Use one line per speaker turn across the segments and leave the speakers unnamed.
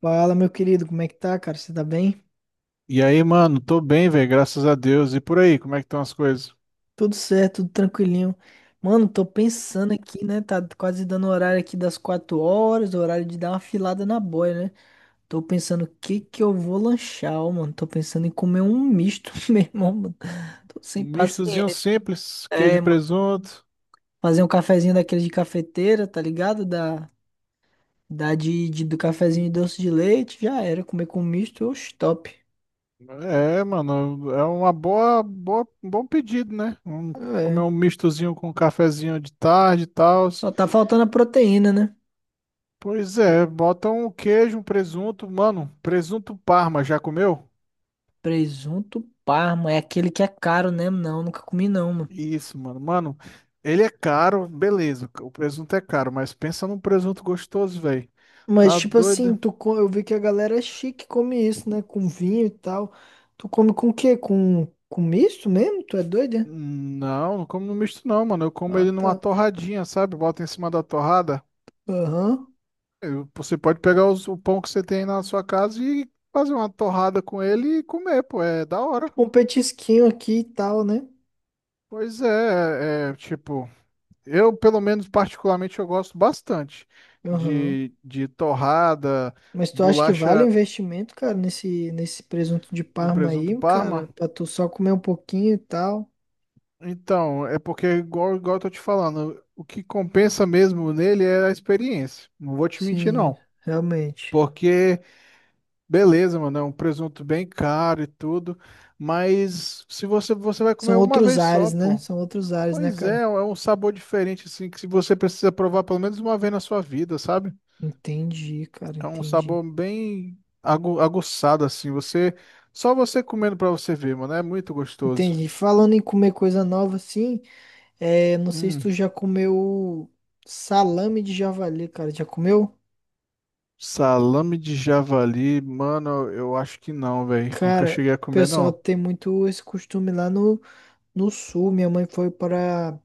Fala, meu querido, como é que tá, cara? Você tá bem?
E aí, mano, tô bem, velho, graças a Deus. E por aí, como é que estão as coisas?
Tudo certo, tudo tranquilinho. Mano, tô pensando aqui, né? Tá quase dando o horário aqui das 4 horas, o horário de dar uma filada na boia, né? Tô pensando o que que eu vou lanchar, ó, mano. Tô pensando em comer um misto, meu irmão, mano. Tô sem
Um mistozinho
paciência.
simples, queijo e
É, mano.
presunto.
Fazer um cafezinho daquele de cafeteira, tá ligado? Do cafezinho de doce de leite, já era. Comer com misto, oxe, top.
É, mano, é uma boa, um bom pedido, né? Comer
É.
um mistozinho com um cafezinho de tarde e tal.
Só tá faltando a proteína, né?
Pois é, bota um queijo, um presunto, mano, presunto Parma, já comeu?
Presunto Parma é aquele que é caro, né? Não, nunca comi não, mano.
Isso, mano, ele é caro, beleza, o presunto é caro, mas pensa num presunto gostoso, velho.
Mas,
Tá
tipo assim,
doido?
eu vi que a galera é chique come isso, né? Com vinho e tal. Tu come com o quê? Com misto mesmo? Tu é doido doida?
Não, não como no misto não, mano. Eu como
Ah,
ele numa
tá.
torradinha, sabe? Bota em cima da torrada.
Aham.
Você pode pegar o pão que você tem aí na sua casa e fazer uma torrada com ele e comer, pô. É da hora.
Tipo um petisquinho aqui e tal, né?
Pois é, tipo, eu pelo menos particularmente eu gosto bastante
Aham.
de torrada,
Mas tu acha que vale o
bolacha
investimento, cara, nesse presunto de
no
Parma
presunto
aí, cara?
Parma.
Pra tu só comer um pouquinho e tal?
Então, é porque igual eu tô te falando, o que compensa mesmo nele é a experiência. Não vou te mentir,
Sim,
não.
realmente.
Porque beleza, mano, é um presunto bem caro e tudo, mas se você vai comer
São
uma
outros
vez só,
ares, né?
pô.
São outros ares, né,
Pois
cara?
é, é um sabor diferente assim que se você precisa provar pelo menos uma vez na sua vida, sabe?
Entendi, cara,
É um
entendi.
sabor bem aguçado assim, você só você comendo pra você ver, mano, é muito gostoso.
Entendi. Falando em comer coisa nova, assim, é, não sei se
Hum,
tu já comeu salame de javali, cara. Já comeu?
salame de javali, mano, eu acho que não, velho. Nunca
Cara,
cheguei a
o
comer
pessoal
não.
tem muito esse costume lá no, no sul. Minha mãe foi para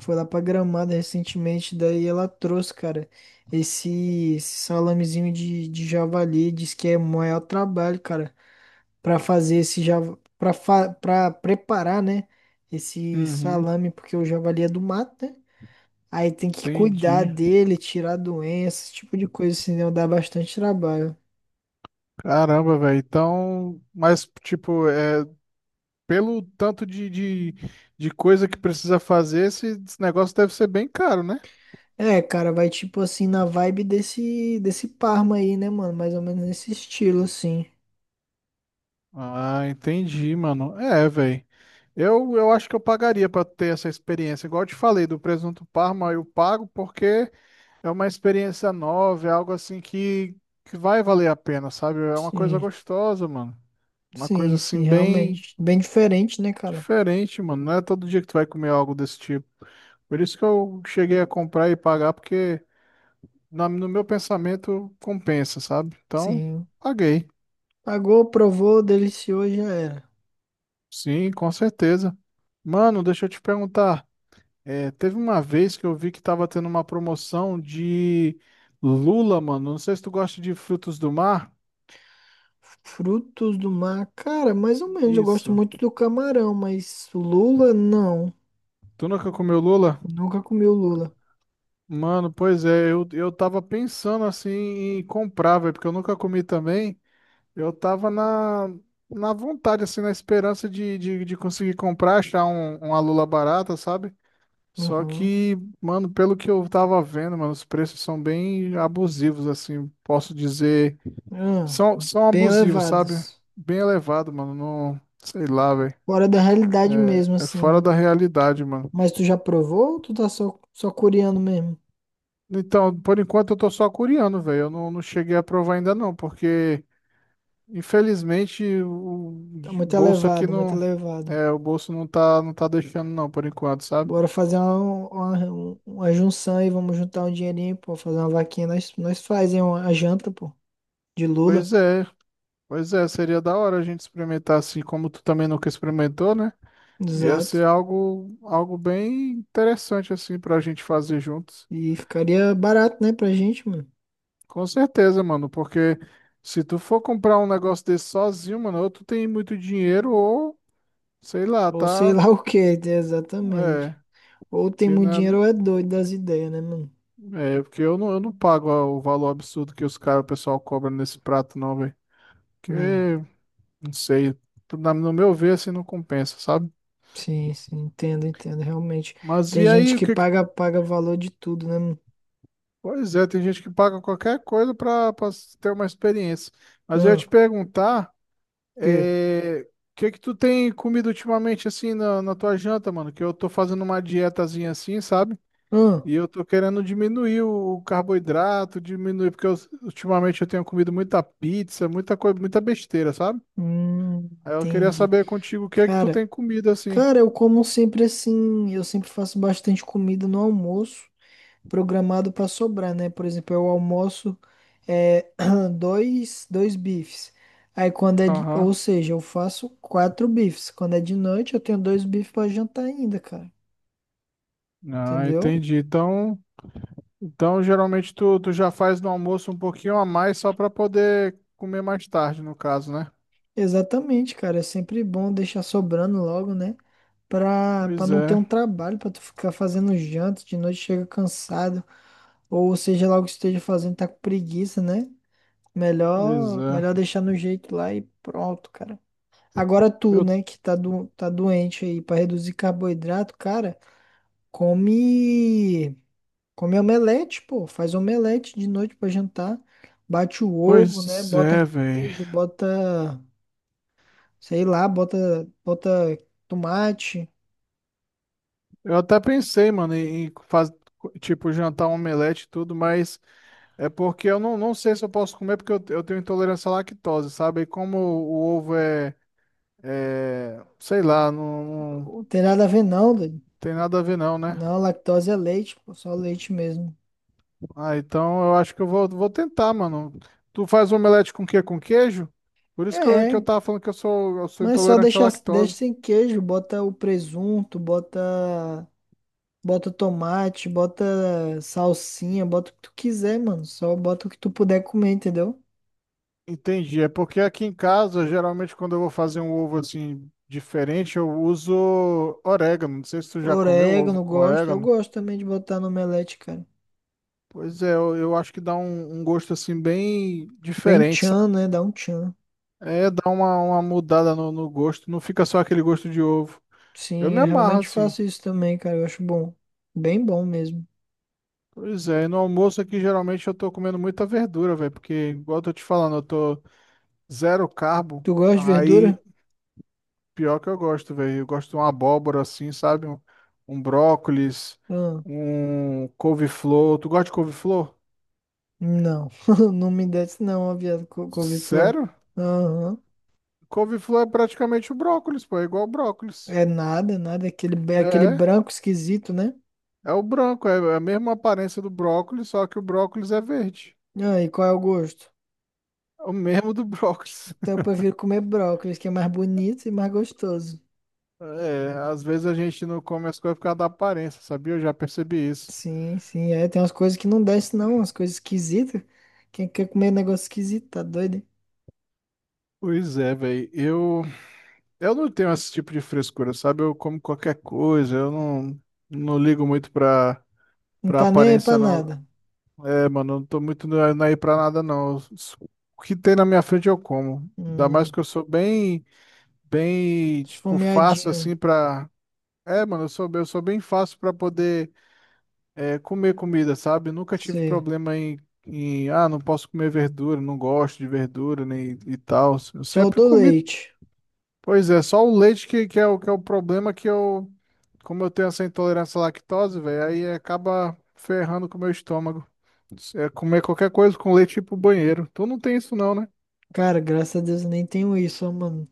Foi lá pra Gramado recentemente, daí ela trouxe, cara, esse salamezinho de javali, diz que é o maior trabalho, cara, pra fazer esse java, pra preparar, né, esse
Uhum,
salame, porque o javali é do mato, né? Aí tem que cuidar
entendi.
dele, tirar doenças, esse tipo de coisa, senão dá bastante trabalho.
Caramba, velho. Então, mas tipo, pelo tanto de coisa que precisa fazer, esse negócio deve ser bem caro, né?
É, cara, vai tipo assim na vibe desse Parma aí, né, mano? Mais ou menos nesse estilo, assim.
Ah, entendi, mano. É, velho. Eu acho que eu pagaria pra ter essa experiência. Igual eu te falei, do presunto Parma eu pago porque é uma experiência nova, é algo assim que vai valer a pena, sabe? É uma coisa
Sim.
gostosa, mano. Uma coisa
Sim, sim,
assim bem
realmente. Bem diferente, né, cara?
diferente, mano. Não é todo dia que tu vai comer algo desse tipo. Por isso que eu cheguei a comprar e pagar, porque na- no meu pensamento, compensa, sabe? Então,
Sim.
paguei.
Pagou, provou, deliciou, e já era.
Sim, com certeza. Mano, deixa eu te perguntar, é, teve uma vez que eu vi que tava tendo uma promoção de lula, mano. Não sei se tu gosta de frutos do mar.
Frutos do mar, cara, mais ou menos. Eu gosto
Isso.
muito do camarão, mas lula, não.
Tu nunca comeu lula?
Nunca comi o lula.
Mano, pois é, eu tava pensando assim em comprar, velho, porque eu nunca comi também. Eu tava na vontade, assim, na esperança de conseguir comprar, achar uma lula barata, sabe? Só
Uhum.
que, mano, pelo que eu tava vendo, mano, os preços são bem abusivos, assim, posso dizer.
Ah,
São
bem
abusivos, sabe?
elevados.
Bem elevado, mano. Não, sei lá, velho.
Fora da realidade mesmo,
É
assim,
fora
né?
da realidade, mano.
Mas tu já provou ou tu tá só curiando mesmo?
Então, por enquanto eu tô só curiando, velho. Eu não, Não cheguei a provar ainda não, porque infelizmente o
Tá muito
bolso aqui
elevado, muito
não,
elevado.
é, o bolso não não tá deixando não, por enquanto, sabe?
Bora fazer uma junção aí, vamos juntar um dinheirinho, pô, fazer uma vaquinha. Nós fazemos a janta, pô, de lula,
Pois é, Pois é, seria da hora a gente experimentar assim, como tu também nunca experimentou, né? Ia
exato.
ser algo bem interessante assim pra gente fazer juntos.
E ficaria barato, né, pra gente, mano.
Com certeza, mano, porque se tu for comprar um negócio desse sozinho, mano, ou tu tem muito dinheiro ou sei lá,
Ou sei
tá?
lá o que, exatamente.
É,
Ou tem
porque
muito
né,
dinheiro ou é doido das ideias, né, mano?
é, porque eu não pago o valor absurdo que o pessoal cobra nesse prato não, velho. Porque
É,
não sei, na- no meu ver assim não compensa, sabe?
sim, sim, entendo, entendo, realmente.
Mas
Tem
e
gente
aí, o
que
que que
paga, paga valor de tudo, né, mano?
pois é, tem gente que paga qualquer coisa pra ter uma experiência. Mas eu ia
Ah,
te perguntar
que?
é, o que que tu tem comido ultimamente assim na tua janta, mano? Que eu tô fazendo uma dietazinha assim, sabe?
Ah,
E eu tô querendo diminuir o carboidrato, diminuir, ultimamente eu tenho comido muita pizza, muita coisa, muita besteira, sabe?
hum,
Aí eu queria
entendi.
saber contigo o que é que tu
Cara.
tem comido assim.
Cara, eu como sempre assim, eu sempre faço bastante comida no almoço, programado pra sobrar, né? Por exemplo, eu almoço é, dois bifes. Aí quando é de, ou
Aham.
seja, eu faço quatro bifes. Quando é de noite, eu tenho dois bifes pra jantar ainda, cara.
Ah,
Entendeu?
entendi. Então, então geralmente tu já faz no almoço um pouquinho a mais só pra poder comer mais tarde, no caso, né?
Exatamente, cara. É sempre bom deixar sobrando logo, né? Pra
Pois
não ter
é,
um trabalho, pra tu ficar fazendo janta, de noite chega cansado, ou seja lá o que esteja fazendo, tá com preguiça, né?
pois
Melhor
é.
deixar no jeito lá e pronto, cara. Agora tu,
Eu,
né, tá doente aí pra reduzir carboidrato, cara, come, come omelete, pô. Faz omelete de noite pra jantar. Bate o ovo, né?
Pois
Bota
é,
queijo,
velho.
bota, sei lá, bota, bota tomate.
Eu até pensei, mano, em fazer tipo, jantar um omelete e tudo, mas é porque eu não, não sei se eu posso comer, porque eu tenho intolerância à lactose, sabe? E como o ovo sei lá, não
Não tem nada a ver, não, doido.
tem nada a ver não, né?
Não, lactose é leite, pô, só leite mesmo.
Ah, então eu acho que vou tentar, mano. Tu faz omelete com o quê? Com queijo? Por isso que eu
É,
tava falando que eu sou
mas só
intolerante à
deixa
lactose.
sem queijo, bota o presunto, bota. Bota tomate, bota salsinha, bota o que tu quiser, mano. Só bota o que tu puder comer, entendeu?
Entendi. É porque aqui em casa, geralmente, quando eu vou fazer um ovo assim diferente, eu uso orégano. Não sei se tu já comeu ovo
Orégano,
com
gosto. Eu
orégano.
gosto também de botar no omelete, cara.
Pois é, eu acho que dá um gosto assim bem
Bem
diferente,
tchan,
sabe?
né? Dá um tchan.
É, dá uma mudada no gosto. Não fica só aquele gosto de ovo. Eu
Sim,
me
eu
amarro
realmente
assim.
faço isso também, cara. Eu acho bom. Bem bom mesmo.
Pois é, e no almoço aqui geralmente eu tô comendo muita verdura, velho, porque, igual eu tô te falando, eu tô zero carbo.
Tu gosta de
Aí
verdura?
pior que eu gosto, velho. Eu gosto de uma abóbora assim, sabe? Um brócolis,
Ah,
um couve-flor. Tu gosta de couve-flor?
não. Não me desce não, ó, viado, couve-flor.
Sério?
Aham.
Couve-flor é praticamente o brócolis, pô. É igual o brócolis.
É nada, nada. É aquele, é aquele
É,
branco esquisito, né?
é o branco. É a mesma aparência do brócolis, só que o brócolis é verde.
Ah, e qual é o gosto?
É o mesmo do brócolis.
Então eu prefiro comer brócolis, que é mais bonito e mais gostoso.
É, às vezes a gente não come as coisas por causa da aparência, sabia? Eu já percebi isso.
Sim, sim, é, tem umas coisas que não desce não, umas coisas esquisitas. Quem quer comer negócio esquisito, tá doido? Hein?
Pois é, velho. Eu não tenho esse tipo de frescura, sabe? Eu como qualquer coisa, eu não, não ligo muito
Não
pra
tá nem aí pra
aparência, não.
nada.
É, mano, eu não tô muito na ir pra nada, não. O que tem na minha frente eu como. Ainda mais
Hum,
que eu sou tipo, fácil
esfomeadinho,
assim pra. É, mano, eu sou bem fácil pra poder é, comer comida, sabe? Nunca tive
sei.
problema em, ah, não posso comer verdura, não gosto de verdura nem, e tal. Eu
Só o
sempre
do
comi
leite.
pois é, só o leite que é que é o problema que eu, como eu tenho essa intolerância à lactose, velho, aí acaba ferrando com o meu estômago. É comer qualquer coisa com leite e ir pro banheiro. Tu não tem isso não, né?
Cara, graças a Deus eu nem tenho isso, ó, mano.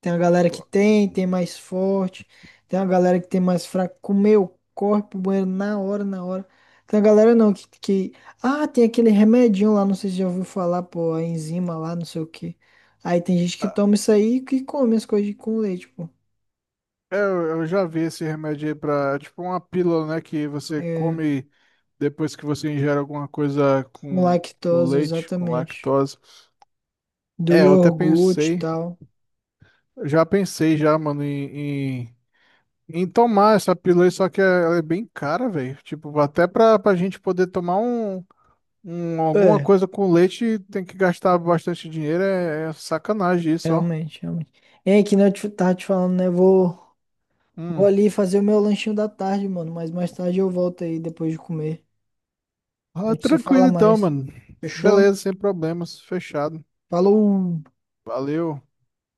Tem a galera que
Pô,
tem, tem mais forte. Tem a galera que tem mais fraco. Comeu, corre pro banheiro na hora, na hora. Tem a galera não que... Ah, tem aquele remedinho lá, não sei se já ouviu falar, pô, a enzima lá, não sei o quê. Aí tem gente que toma isso aí e que come as coisas com leite, pô.
eu já vi esse remédio aí pra, é tipo uma pílula, né, que você
É,
come depois que você ingere alguma coisa
com
com
lactose,
leite, com
exatamente.
lactose.
Do
É, eu até
iogurte e
pensei,
tal.
eu já pensei já, mano, em, em, em tomar essa pílula aí, só que ela é bem cara, velho. Tipo, até pra gente poder tomar alguma
É,
coisa com leite, tem que gastar bastante dinheiro, é, é sacanagem isso, ó.
realmente, realmente. É que nem eu tava te falando, né? Vou, vou
Hum.
ali fazer o meu lanchinho da tarde, mano. Mas mais tarde eu volto aí depois de comer. A
Ah,
gente se fala
tranquilo então,
mais.
mano.
Fechou?
Beleza, sem problemas, fechado.
Falou!
Valeu.